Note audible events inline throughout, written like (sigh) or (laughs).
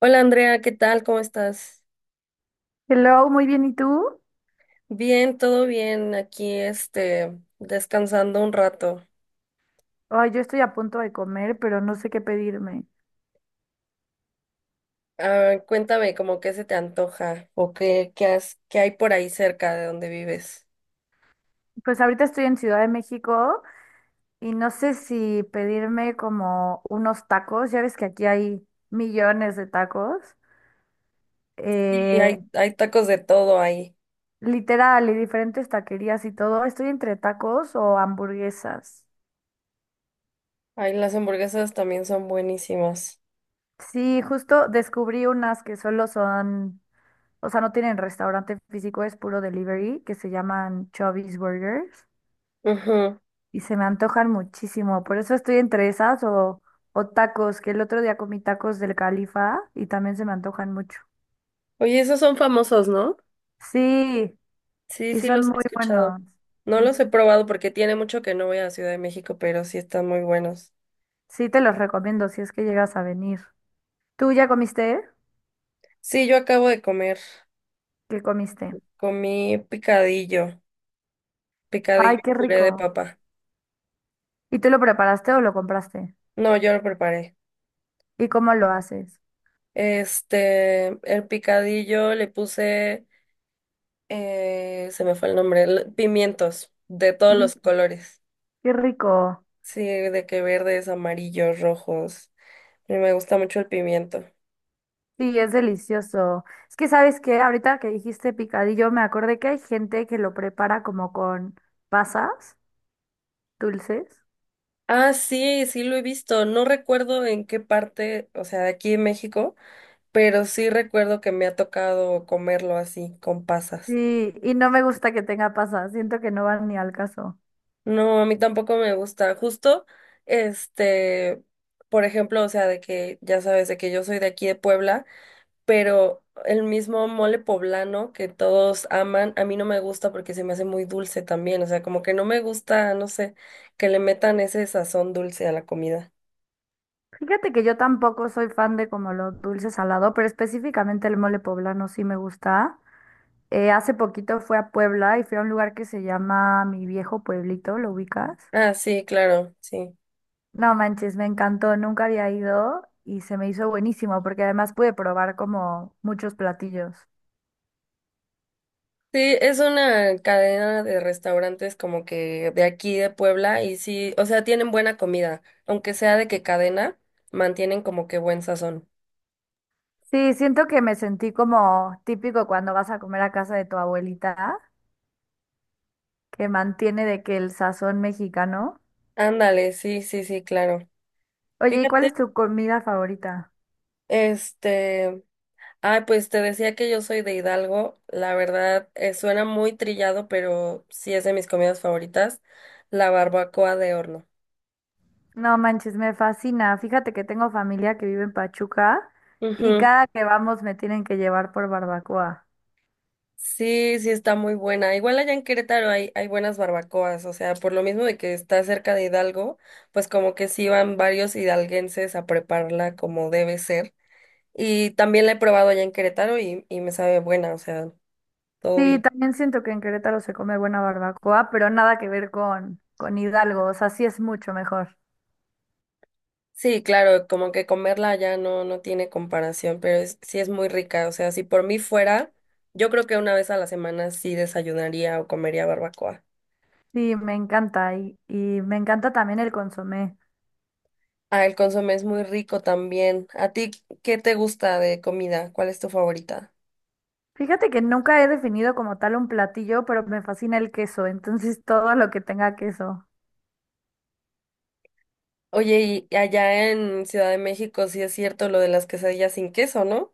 Hola Andrea, ¿qué tal? ¿Cómo estás? Hello, muy bien, ¿y tú? Bien, todo bien. Aquí, descansando un rato. Ay, yo estoy a punto de comer, pero no sé qué pedirme. Ah, cuéntame, ¿cómo qué se te antoja o qué, qué hay por ahí cerca de donde vives? Pues ahorita estoy en Ciudad de México y no sé si pedirme como unos tacos, ya ves que aquí hay millones de tacos, Sí, eh, hay tacos de todo ahí. literal, y diferentes taquerías y todo. Estoy entre tacos o hamburguesas. Ay, las hamburguesas también son buenísimas. Sí, justo descubrí unas que solo son, o sea, no tienen restaurante físico, es puro delivery, que se llaman Chubby's Burgers. Ujú. Y se me antojan muchísimo. Por eso estoy entre esas o tacos, que el otro día comí tacos del Califa y también se me antojan mucho. Oye, esos son famosos, ¿no? Sí, Sí, y sí son los he muy escuchado. buenos. No Ujú. los he probado porque tiene mucho que no voy a Ciudad de México, pero sí están muy buenos. Sí, te los recomiendo si es que llegas a venir. ¿Tú ya comiste? Sí, yo acabo de comer. ¿Qué comiste? Comí picadillo. Picadillo Ay, y qué puré de rico. papa. ¿Y tú lo preparaste o lo compraste? No, yo lo preparé. ¿Y cómo lo haces? El picadillo le puse, se me fue el nombre, pimientos de todos los Mm, colores. qué rico. Sí, de que verdes, amarillos, rojos. Y me gusta mucho el pimiento. Sí, es delicioso. Es que sabes que ahorita que dijiste picadillo, me acordé que hay gente que lo prepara como con pasas dulces. Ah, sí, sí lo he visto. No recuerdo en qué parte, o sea, de aquí en México, pero sí recuerdo que me ha tocado comerlo así, con pasas. Sí, y no me gusta que tenga pasas, siento que no van ni al caso. No, a mí tampoco me gusta. Justo, este, por ejemplo, o sea, de que ya sabes, de que yo soy de aquí de Puebla, pero el mismo mole poblano que todos aman, a mí no me gusta porque se me hace muy dulce también. O sea, como que no me gusta, no sé, que le metan ese sazón dulce a la comida. Fíjate que yo tampoco soy fan de como lo dulce salado, pero específicamente el mole poblano sí me gusta. Hace poquito fui a Puebla y fui a un lugar que se llama Mi Viejo Pueblito, ¿lo ubicas? Ah, sí, claro, sí. No manches, me encantó, nunca había ido y se me hizo buenísimo porque además pude probar como muchos platillos. Sí, es una cadena de restaurantes como que de aquí de Puebla y sí, o sea, tienen buena comida, aunque sea de qué cadena, mantienen como que buen sazón. Sí, siento que me sentí como típico cuando vas a comer a casa de tu abuelita, que mantiene de que el sazón mexicano. Ándale, sí, sí, sí, claro. Oye, ¿y cuál es Fíjate, tu comida favorita? este, ay, pues te decía que yo soy de Hidalgo, la verdad, suena muy trillado, pero sí es de mis comidas favoritas, la barbacoa de horno. No manches, me fascina. Fíjate que tengo familia que vive en Pachuca y Ujú. cada que vamos me tienen que llevar por barbacoa. Sí, sí está muy buena. Igual allá en Querétaro hay buenas barbacoas, o sea, por lo mismo de que está cerca de Hidalgo, pues como que sí van varios hidalguenses a prepararla como debe ser. Y también la he probado allá en Querétaro y me sabe buena, o sea, todo Sí, bien. también siento que en Querétaro se come buena barbacoa, pero nada que ver con Hidalgo, o sea, sí es mucho mejor. Sí, claro, como que comerla ya no tiene comparación, pero sí es muy rica. O sea, si por mí fuera, yo creo que una vez a la semana sí desayunaría o comería barbacoa. Sí, me encanta y me encanta también el consomé. Ah, el consomé es muy rico también. ¿A ti qué te gusta de comida? ¿Cuál es tu favorita? Fíjate que nunca he definido como tal un platillo, pero me fascina el queso, entonces (laughs) todo lo que tenga queso. Oye, y allá en Ciudad de México sí es cierto lo de las quesadillas sin queso, ¿no?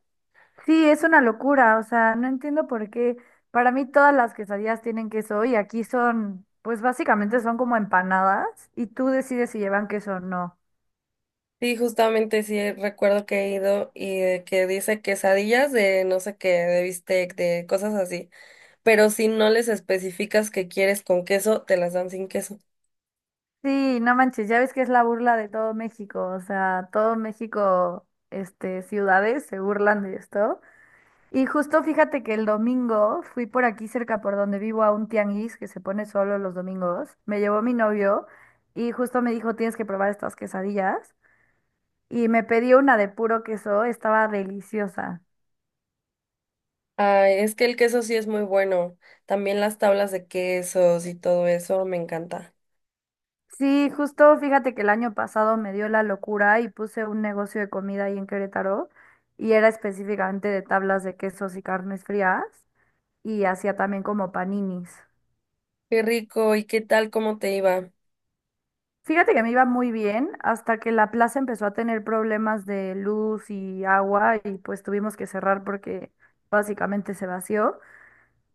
Sí, es una locura, o sea, no entiendo por qué. Para mí todas las quesadillas tienen queso y aquí son, pues básicamente son como empanadas y tú decides si llevan queso o no. Sí, justamente sí recuerdo que he ido y que dice quesadillas de no sé qué, de bistec, de cosas así, pero si no les especificas que quieres con queso, te las dan sin queso. Sí, no manches, ya ves que es la burla de todo México, o sea, todo México, ciudades se burlan de esto. Y justo fíjate que el domingo fui por aquí cerca por donde vivo a un tianguis que se pone solo los domingos. Me llevó mi novio y justo me dijo, tienes que probar estas quesadillas. Y me pedí una de puro queso, estaba deliciosa. Ay, es que el queso sí es muy bueno. También las tablas de quesos y todo eso me encanta. Sí, justo fíjate que el año pasado me dio la locura y puse un negocio de comida ahí en Querétaro y era específicamente de tablas de quesos y carnes frías y hacía también como paninis. Qué rico, ¿y qué tal? ¿Cómo te iba? Fíjate que me iba muy bien hasta que la plaza empezó a tener problemas de luz y agua y pues tuvimos que cerrar porque básicamente se vació.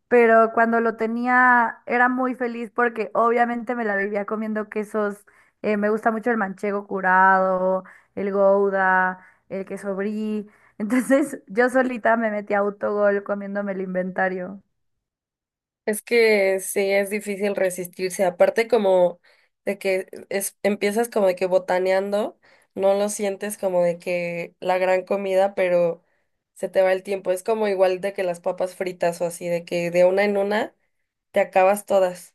Pero cuando lo tenía era muy feliz porque obviamente me la vivía comiendo quesos. Me gusta mucho el manchego curado, el gouda, el queso brie. Entonces (laughs) yo solita me metí a autogol comiéndome el inventario. Es que sí es difícil resistirse. Aparte como de que es, empiezas como de que botaneando, no lo sientes como de que la gran comida, pero se te va el tiempo. Es como igual de que las papas fritas o así, de que de una en una te acabas todas.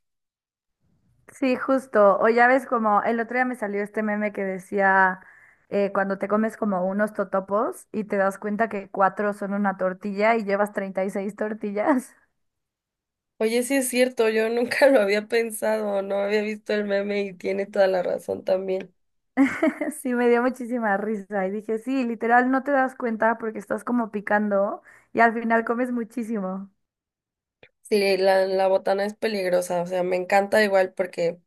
Sí, justo. O ya ves como el otro día me salió este meme que decía cuando te comes como unos totopos y te das cuenta que cuatro son una tortilla y llevas 36 tortillas. Oye, sí es cierto, yo nunca (laughs) lo había pensado, no había visto el meme y tiene toda la razón también. (laughs) Sí, me dio muchísima risa y dije, sí, literal, no te das cuenta porque estás como picando y al final comes muchísimo. Sí, la botana es peligrosa, o sea, me encanta igual porque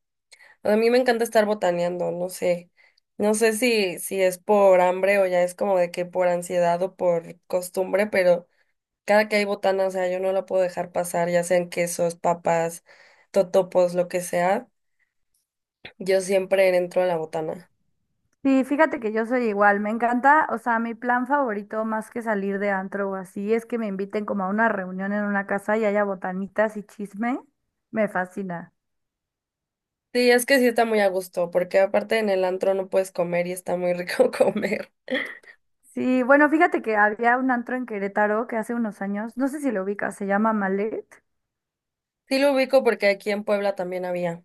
a mí me encanta estar botaneando, no sé, no sé si es por hambre o ya es como de que por ansiedad o por costumbre, pero cada que hay botana, o sea, yo no la puedo dejar pasar, ya sean quesos, papas, totopos, lo que sea, yo siempre entro a la botana. Sí, fíjate que yo soy igual, me encanta, o sea, mi plan favorito más que salir de antro o así es que me inviten como a una reunión en una casa y haya botanitas y chisme, me fascina. Sí, es que sí está muy a gusto, porque aparte en el antro no puedes comer y está muy rico (laughs) comer. Sí, bueno, fíjate que había un antro en Querétaro que hace unos años, no sé si lo ubicas, se llama Malet. Sí lo ubico porque aquí en Puebla también había.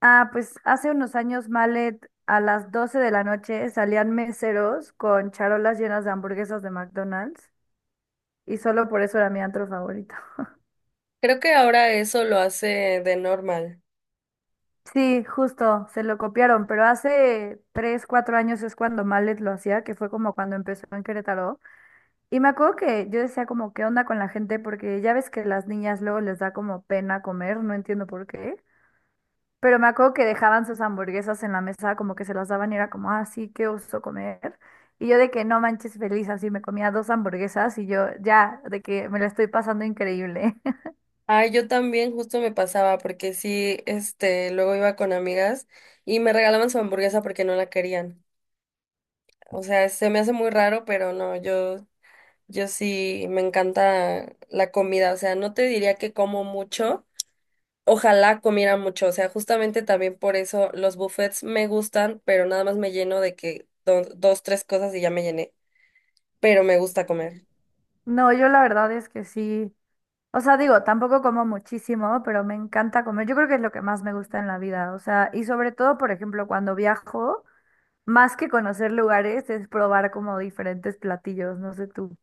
Ah, pues hace unos años, Malet, a las 12 de la noche salían meseros con charolas llenas de hamburguesas de McDonald's y solo por eso era mi antro favorito. Creo que ahora eso lo hace de normal. Sí, justo, se lo copiaron, pero hace 3, 4 años es cuando Malet lo hacía, que fue como cuando empezó en Querétaro. Y me acuerdo que yo decía como, ¿qué onda con la gente? Porque ya ves que las niñas luego les da como pena comer, no entiendo por qué. Pero me acuerdo que dejaban sus hamburguesas en la mesa, como que se las daban y era como, ah, sí, qué oso comer. Y yo de que no manches feliz, así me comía dos hamburguesas y yo ya, de que me la estoy pasando increíble. (laughs) Ah, yo también justo me pasaba porque sí, luego iba con amigas y me regalaban su hamburguesa porque no la querían. O sea, se me hace muy raro, pero no, yo sí me encanta la comida. O sea, no te diría que como mucho. Ojalá comiera mucho, o sea, justamente también por eso los buffets me gustan, pero nada más me lleno de que dos, tres cosas y ya me llené, pero me gusta comer. No, yo la verdad es que sí. O sea, digo, tampoco como muchísimo, pero me encanta comer. Yo creo que es lo que más me gusta en la vida. O sea, y sobre todo, por ejemplo, cuando viajo, más que conocer lugares, es probar como diferentes platillos. No sé tú.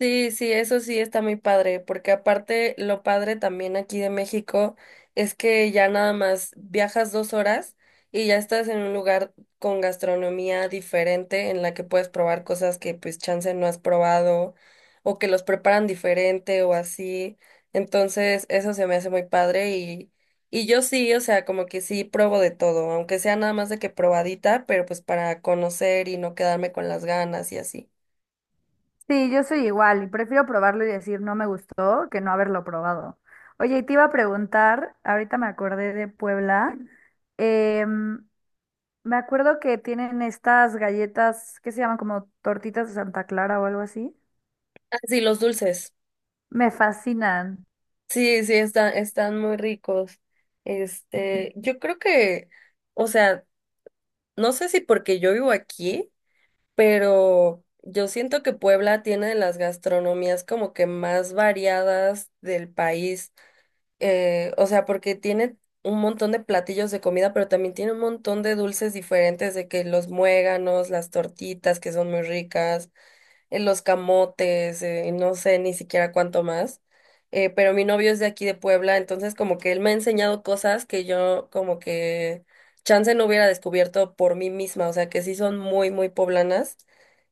Sí, sí, eso sí está muy padre, porque aparte lo padre también aquí de México es que ya nada más viajas dos horas y ya estás en un lugar con gastronomía diferente en la que puedes probar cosas que pues chance no has probado o que los preparan diferente o así. Entonces, eso se me hace muy padre y yo sí, o sea, como que sí probo de todo, aunque sea nada más de que probadita, pero pues para conocer y no quedarme con las ganas y así. Sí, yo soy igual y prefiero probarlo y decir no me gustó que no haberlo probado. Oye, y te iba a preguntar, ahorita me acordé de Puebla, em, me acuerdo que tienen estas galletas que se llaman como tortitas de Santa Clara o algo así. Ah, sí, los dulces. Me fascinan. Sí, sí, están muy ricos. Yo creo que, o sea, no sé si porque yo vivo aquí, pero yo siento que Puebla tiene de las gastronomías como que más variadas del país. O sea, porque tiene un montón de platillos de comida, pero también tiene un montón de dulces diferentes, de que los muéganos, las tortitas, que son muy ricas, los camotes, no sé ni siquiera cuánto más. Pero mi novio es de aquí de Puebla, entonces como que él me ha enseñado cosas que yo como que chance no hubiera descubierto por mí misma, o sea que sí son muy, muy poblanas.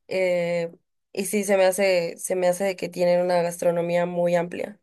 eh, se me hace de que tienen una gastronomía muy amplia.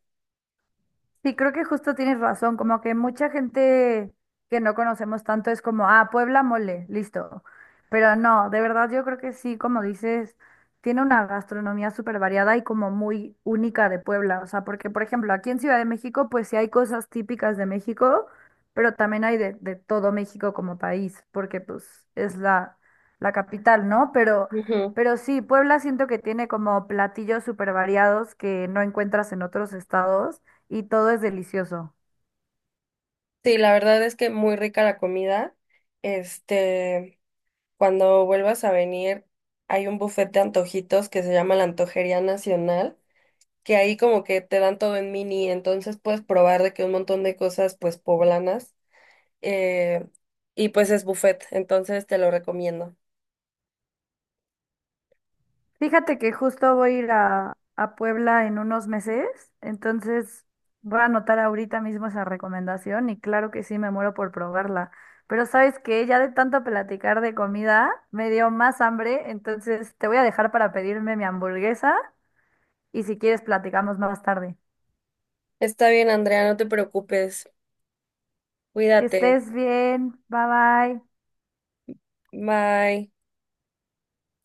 Sí, creo que justo tienes razón, como que mucha gente que no conocemos tanto es como, ah, Puebla mole, listo. Pero no, de verdad yo creo que sí, como dices, tiene una gastronomía súper variada y como muy única de Puebla. O sea, porque por ejemplo, aquí en Ciudad de México, pues sí hay cosas típicas de México, pero también hay de todo México como país, porque pues es la capital, ¿no? Ujú. Pero sí, Puebla siento que tiene como platillos súper variados que no encuentras en otros estados y todo es delicioso. Sí, la verdad es que muy rica la comida. Este, cuando vuelvas a venir, hay un buffet de antojitos que se llama la Antojería Nacional que ahí como que te dan todo en mini, entonces puedes probar de que un montón de cosas pues poblanas, eh, y pues es buffet, entonces te lo recomiendo. Fíjate que justo voy a ir a Puebla en unos meses, entonces voy a anotar ahorita mismo esa recomendación y claro que sí, me muero por probarla. Pero sabes que ya de tanto platicar de comida, me dio más hambre, entonces te voy a dejar para pedirme mi hamburguesa y si quieres platicamos más tarde. Está bien, Andrea, no te preocupes, Que cuídate, estés bien, bye bye. bye.